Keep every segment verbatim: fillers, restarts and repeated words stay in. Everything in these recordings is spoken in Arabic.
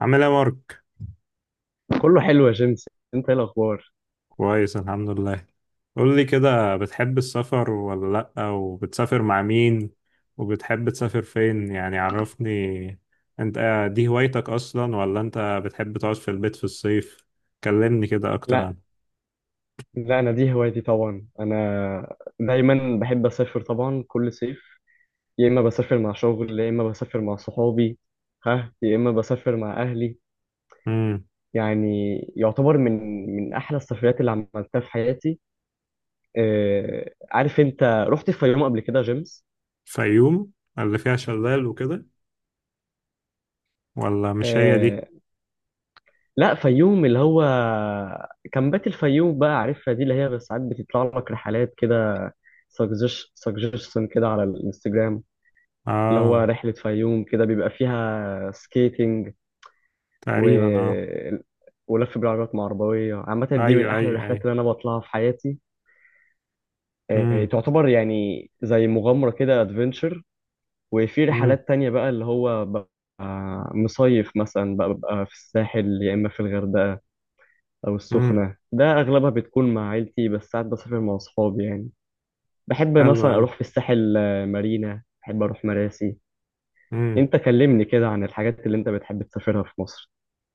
عامل ايه يا مارك؟ كله حلو يا جيمس. انت ايه الاخبار؟ كويس، الحمد لله. قول لي كده، بتحب السفر ولا لأ؟ وبتسافر مع مين؟ وبتحب تسافر فين؟ يعني عرفني انت، آه، دي هوايتك اصلا ولا انت بتحب تقعد في البيت في الصيف؟ كلمني كده اكتر لا، عنها. لا، انا دي هوايتي طبعا، انا دايما بحب اسافر طبعا كل صيف. يا اما بسافر مع شغل، يا اما بسافر مع صحابي، ها، يا اما بسافر مع اهلي. امم. يعني يعتبر من من احلى السفريات اللي عملتها في حياتي. آه، عارف انت، رحت الفيوم قبل كده يا جيمس؟ فيوم؟ اللي فيها شلال وكده؟ ولا مش هي آه، دي؟ لا، فيوم اللي هو كامبات الفيوم بقى، عارفها دي اللي هي ساعات بتطلع لك رحلات كده، سجشن كده على الانستجرام، اللي هو اه. رحلة فيوم كده بيبقى فيها سكيتنج و... تقريبا اه. ولف بالعربيات مع عربوية عامة. دي من ايوه أحلى ايوه الرحلات ايوه. اللي أنا بطلعها في حياتي. آه، امم تعتبر يعني زي مغامرة كده، أدفنتشر. وفي امم رحلات تانية بقى اللي هو ببقى مصيف مثلا، بقى ببقى في الساحل، يا إما في الغردقة أو امم. السخنة. ده أغلبها بتكون مع عيلتي، بس ساعات بسافر مع أصحابي يعني. بحب حلو مثلا أوي. أروح في الساحل، آه، مارينا، بحب أروح مراسي. أنت كلمني كده عن الحاجات اللي أنت بتحب تسافرها في مصر.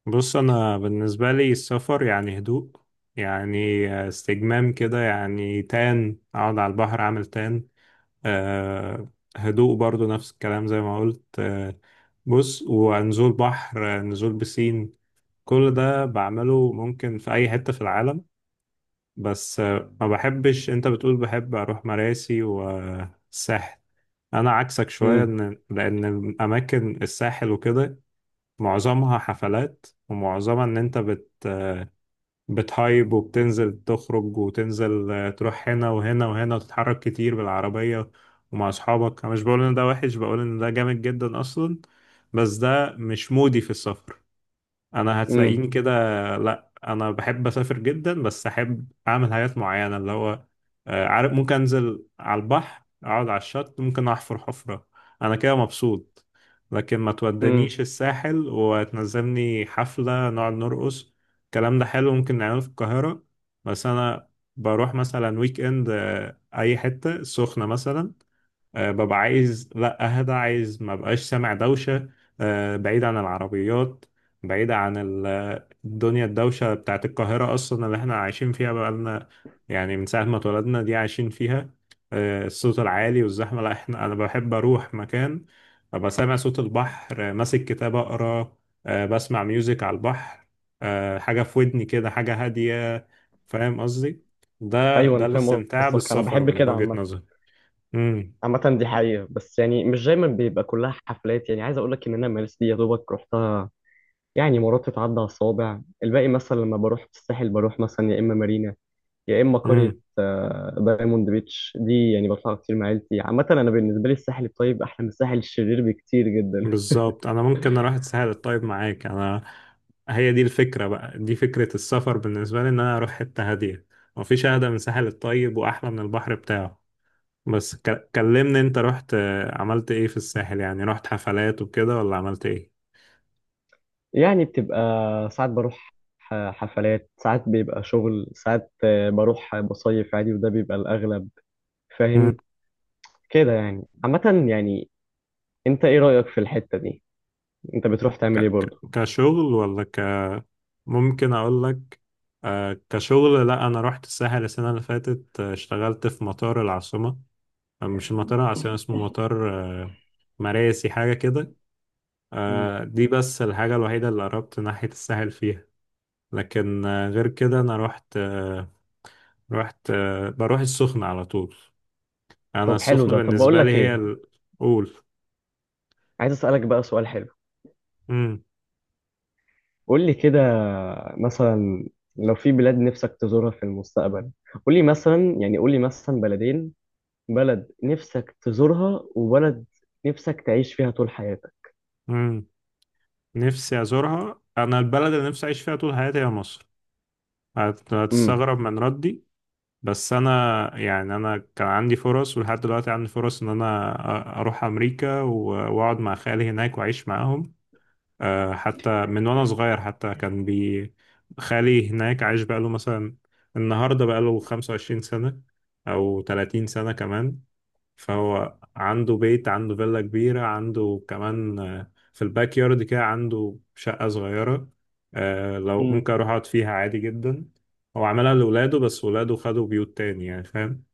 بص انا بالنسبه لي السفر يعني هدوء، يعني آه، استجمام كده، يعني تان اقعد على البحر اعمل تان. أه. هدوء برضو، نفس الكلام زي ما قلت أه. بص، ونزول بحر، آه، نزول بسين. كل ده بعمله ممكن في اي حته في العالم. بس أه، ما بحبش. انت بتقول بحب اروح مراسي والساحل، انا عكسك شويه، امم. ان لان الاماكن الساحل وكده معظمها حفلات، ومعظمها ان انت بت آه، بتهايب وبتنزل تخرج وتنزل، آه، تروح هنا وهنا وهنا وتتحرك كتير بالعربية ومع أصحابك. أنا مش بقول إن ده وحش، بقول إن ده جامد جدا أصلا، بس ده مش مودي في السفر. انا امم. هتلاقيني كده. لا انا بحب اسافر جدا، بس احب اعمل حاجات معينه، اللي هو آه، عارف، ممكن انزل على البحر اقعد على الشط، ممكن احفر حفره، انا كده مبسوط. لكن ما امم. تودنيش الساحل وتنزلني حفله نقعد نرقص. الكلام ده حلو ممكن نعمله في القاهره. بس انا بروح مثلا ويك اند، آه، اي حته سخنه مثلا، آه، ببقى عايز لا اهدى، عايز ما بقاش سامع دوشة، آه، بعيد عن العربيات، بعيد عن ال- الدنيا الدوشة بتاعت القاهرة أصلا، اللي احنا عايشين فيها بقالنا يعني من ساعة ما اتولدنا، دي عايشين فيها. آه، الصوت العالي والزحمة لا، احنا أنا بحب أروح مكان أبقى سامع صوت البحر، آه، ماسك كتاب أقرأ، آه، بسمع ميوزك على البحر، آه، حاجة في ودني كده، حاجة هادية. فاهم قصدي؟ ده ايوه ده انا فاهم الاستمتاع قصدك. انا بالسفر بحب من كده وجهة عامه، نظري. عامه دي حقيقه، بس يعني مش دايما بيبقى كلها حفلات. يعني عايز اقول لك ان انا مارس دي يا دوبك رحتها، يعني مرات تتعدى على الصوابع الباقي. مثلا لما بروح الساحل، بروح مثلا يا اما مارينا، يا اما قريه مم. آه، دايموند بيتش. دي يعني بطلع كتير مع عيلتي عامه. انا بالنسبه لي الساحل الطيب احلى من الساحل الشرير بكتير جدا. بالظبط. انا ممكن اروح اتسهل طيب معاك انا، هي دي الفكره بقى، دي فكره السفر بالنسبه لي، ان انا اروح حته هاديه. مفيش اهدى من ساحل الطيب واحلى من البحر بتاعه. بس ك- كلمني انت رحت، آه، عملت ايه في الساحل؟ يعني رحت حفلات وكده ولا عملت ايه؟ يعني بتبقى ساعات بروح ح- حفلات، ساعات بيبقى شغل، ساعات آه، بروح بصيف عادي وده بيبقى الاغلب. مم. فاهم كده يعني، عامة يعني. انت ايه رأيك في الحتة دي؟ انت بتروح ك تعمل ايه ك برضه؟ كشغل ولا ك؟ ممكن اقول لك، آه، كشغل، لا انا رحت الساحل السنه اللي فاتت، آه، اشتغلت في مطار العاصمه، آه، مش مطار العاصمه، اسمه مطار آه، مراسي، حاجه كده. مم. آه، دي بس الحاجة الوحيدة اللي قربت ناحية الساحل فيها. لكن آه، غير كده أنا رحت آه، رحت آه، بروح السخنة على طول. أنا طب حلو السخنة ده. طب بقول بالنسبة لي لك هي ايه، الأول. عايز اسألك بقى سؤال حلو. مم. قول لي كده، مثلا لو في بلاد نفسك تزورها في المستقبل، قول لي مثلا، يعني قول لي مثلا بلدين، بلد نفسك تزورها وبلد نفسك تعيش فيها طول حياتك. مم. نفسي أزورها، أنا البلد اللي نفسي أعيش فيها طول حياتي هي مصر. هت- امم. هتستغرب من ردي. بس أنا يعني، أنا كان عندي فرص، ولحد دلوقتي عندي فرص إن أنا أ- أروح أمريكا و- وأقعد مع خالي هناك وأعيش معاهم. آه، حتى من وانا صغير، حتى كان بي خالي هناك عايش بقاله مثلا النهارده بقاله خمسة وعشرين سنة او ثلاثون سنة كمان. فهو عنده بيت، عنده فيلا كبيرة، عنده كمان آه، في الباك يارد كده عنده شقة صغيرة، آه، لو مم. ممكن اروح اقعد فيها عادي جدا. هو عملها لولاده، بس ولاده خدوا بيوت تاني، يعني فاهم.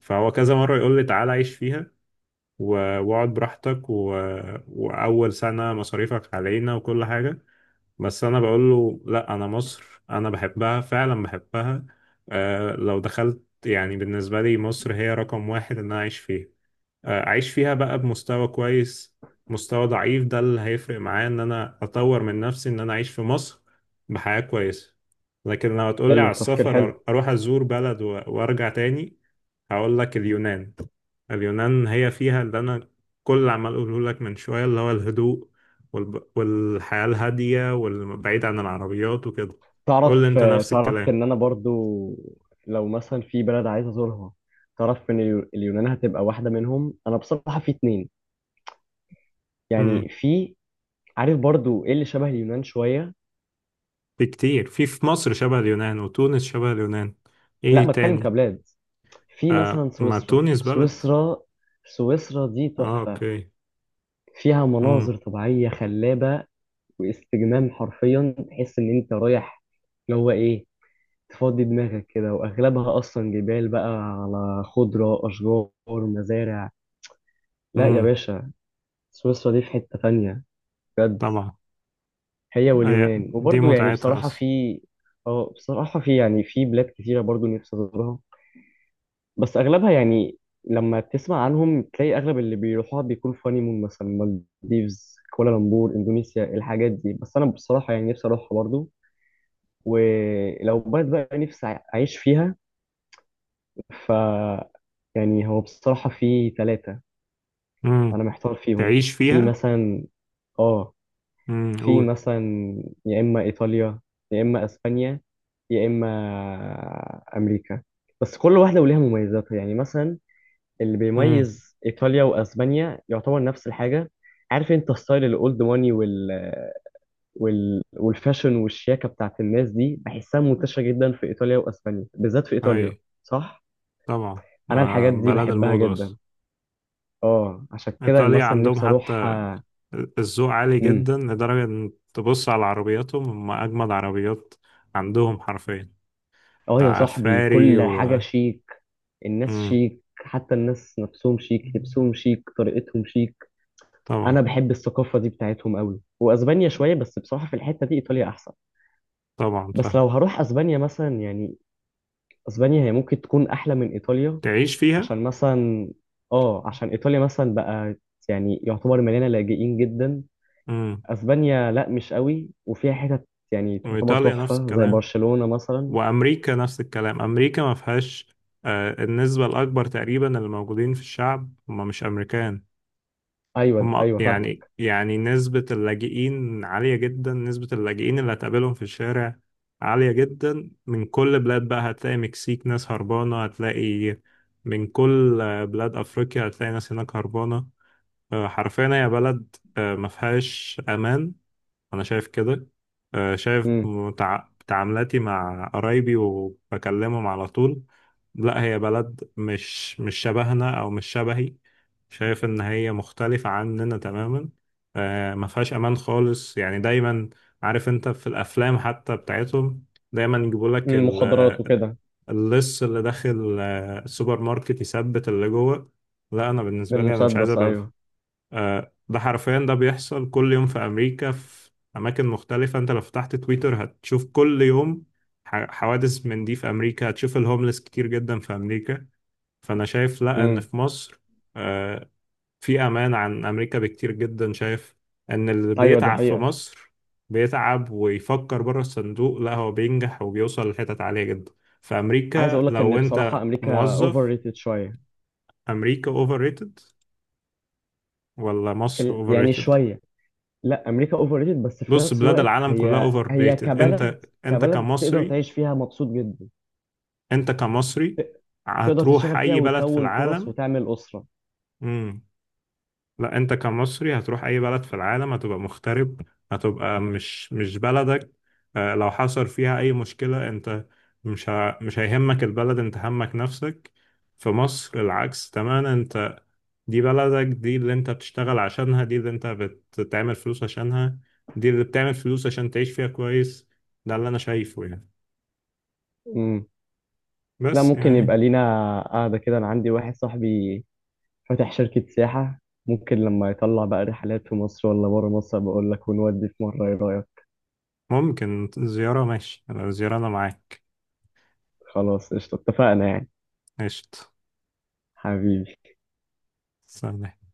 فهو كذا مرة يقول لي تعالى عيش فيها، و- واقعد براحتك و... وأول سنة مصاريفك علينا وكل حاجة. بس انا بقول له لا، انا مصر انا بحبها فعلا بحبها. آه لو دخلت يعني، بالنسبة لي مصر هي رقم واحد ان انا اعيش فيها. اعيش فيها بقى بمستوى كويس، مستوى ضعيف ده اللي هيفرق معايا، ان انا اطور من نفسي ان انا اعيش في مصر بحياة كويسة. لكن لو هتقولي حلو، على تفكير السفر، أر- حلو. اروح ازور بلد و- وارجع تاني، هقول لك اليونان. اليونان هي فيها اللي انا كل اللي عمال اقوله لك من شوية، اللي هو الهدوء والب... والحياة الهادية والبعيد عن العربيات وكده. قول لي تعرف، انت نفس تعرف الكلام. ان انا برضو لو مثلا في بلد عايز ازورها، تعرف ان اليو- اليونان هتبقى واحده منهم. انا بصراحه في اتنين امم. يعني، في عارف برضو ايه اللي شبه اليونان شويه. في كتير، في في مصر شبه اليونان، وتونس شبه اليونان، لا، ايه بتكلم تاني؟ كبلاد. في آه مثلا ما سويسرا تونس بلد. سويسرا سويسرا دي اه تحفه، اوكي. فيها امم. مناظر طبيعيه خلابه واستجمام. حرفيا تحس ان انت رايح اللي هو ايه، تفضي دماغك كده. واغلبها اصلا جبال بقى على خضره، اشجار، مزارع. لا يا امم. باشا، سويسرا دي في حتة تانية بجد. طبعا. هي أي. واليونان. دي وبرضه يعني متعتها بصراحة اصلا. في، اه بصراحة في، يعني في بلاد كتيرة برضه نفسي أزورها، بس أغلبها يعني لما تسمع عنهم تلاقي أغلب اللي بيروحوها بيكون في هانيمون، مثلا مالديفز، كوالالمبور، إندونيسيا، الحاجات دي. بس أنا بصراحة يعني نفسي أروحها برضه. ولو بلد بقى نفسي أعيش فيها، ف يعني هو بصراحة في ثلاثة امم. أنا محتار فيهم. تعيش في فيها. مثلا اه امم في قول. مثلا يا إما إيطاليا، يا إما أسبانيا، يا إما أمريكا. بس كل واحدة وليها مميزاتها. يعني مثلا اللي امم. بيميز إيطاليا وأسبانيا يعتبر نفس الحاجة، عارف أنت ستايل الأولد ماني وال... وال... والفاشن والشياكة بتاعت الناس دي، بحسها منتشرة جدا في إيطاليا وأسبانيا، بالذات في اي إيطاليا. صح؟ طبعا. أنا آه الحاجات دي بلد بحبها الموضة جدا. اصلا. اه عشان كده ايطاليا مثلا عندهم نفسي أروح حتى آه، الذوق عالي امم جدا، لدرجة ان تبص على عربياتهم، هم اجمد عربيات عندهم حرفيا. اه يا آه صاحبي، فراري كل و حاجة شيك، الناس امم. شيك، حتى الناس نفسهم شيك، لبسهم شيك، طريقتهم شيك. انا طبعا. بحب الثقافه دي بتاعتهم قوي. واسبانيا شويه، بس بصراحه في الحته دي ايطاليا احسن. طبعا بس فاهم. لو هروح اسبانيا مثلا، يعني اسبانيا هي ممكن تكون احلى من ايطاليا تعيش فيها. عشان مثلا، اه، عشان ايطاليا مثلا بقى يعني يعتبر مليانه لاجئين جدا. امم. اسبانيا لا، مش قوي، وفيها حتت يعني تعتبر وايطاليا نفس تحفه زي الكلام، برشلونه مثلا. وامريكا نفس الكلام. امريكا ما فيهاش، آه، النسبه الاكبر تقريبا اللي موجودين في الشعب هم مش امريكان. ايوه هم ايوه، يعني فاهمك. يعني نسبه اللاجئين عاليه جدا، نسبه اللاجئين اللي هتقابلهم في الشارع عاليه جدا من كل بلاد بقى. هتلاقي مكسيك ناس هربانه، هتلاقي من كل آه، بلاد افريقيا، هتلاقي ناس هناك هربانه. آه، حرفيا هي بلد آه، ما فيهاش امان، انا شايف كده. آه، شايف امم. متع- تعاملاتي مع قرايبي وبكلمهم على طول. لا هي بلد مش مش شبهنا او مش شبهي، شايف ان هي مختلفة عننا تماما. آه، ما فيهاش امان خالص، يعني دايما عارف انت في الافلام حتى بتاعتهم دايما يجيبوا لك ال- مخدرات وكده. اللص اللي داخل آه، السوبر ماركت يثبت اللي جوه. لا انا بالنسبة لي انا مش عايز بالمسدس، ابقى. ايوه. آه، ده حرفيا ده بيحصل كل يوم في أمريكا، في أماكن مختلفة. أنت لو فتحت تويتر هتشوف كل يوم ح- حوادث من دي في أمريكا. هتشوف الهوملس كتير جدا في أمريكا. فأنا شايف لأ، إن امم. في مصر آه، في أمان عن أمريكا بكتير جدا. شايف إن اللي ايوه، دي بيتعب في حقيقه. مصر بيتعب ويفكر بره الصندوق لأ، هو بينجح وبيوصل لحتت عالية جدا. في عايز أمريكا اقول لك لو ان بصراحه أنت امريكا اوفر موظف. ريتد شويه. أمريكا أوفر ريتد ولا في مصر ال... أوفر يعني ريتد؟ شويه، لا امريكا اوفر ريتد، بس في بص نفس بلاد الوقت العالم كلها هي اوفر هي ريتد. كبلد انت انت كبلد تقدر كمصري، تعيش فيها مبسوط جدا. انت كمصري ت- تقدر هتروح تشتغل فيها اي بلد في وتكون فرص العالم. وتعمل اسره. امم. لا انت كمصري هتروح اي بلد في العالم هتبقى مغترب، هتبقى مش مش بلدك. آه، لو حصل فيها اي مشكلة، انت مش ه... مش هيهمك البلد، انت همك نفسك. في مصر العكس تماما، انت دي بلدك، دي اللي انت بتشتغل عشانها، دي اللي انت بتعمل فلوس عشانها، دي اللي بتعمل فلوس عشان تعيش فيها كويس. ده اللي انا شايفه يعني، امم. لا بس ممكن يبقى يعني. لينا قاعده كده، انا عندي واحد صاحبي فاتح شركه سياحه، ممكن لما يطلع بقى رحلات في مصر ولا بره مصر بقول لك، ونودي في مره، ايه رايك؟ ممكن زيارة ماشي، لو زيارة أنا معاك. خلاص قشطه، اتفقنا يعني. قشطة. حبيبي. سلام.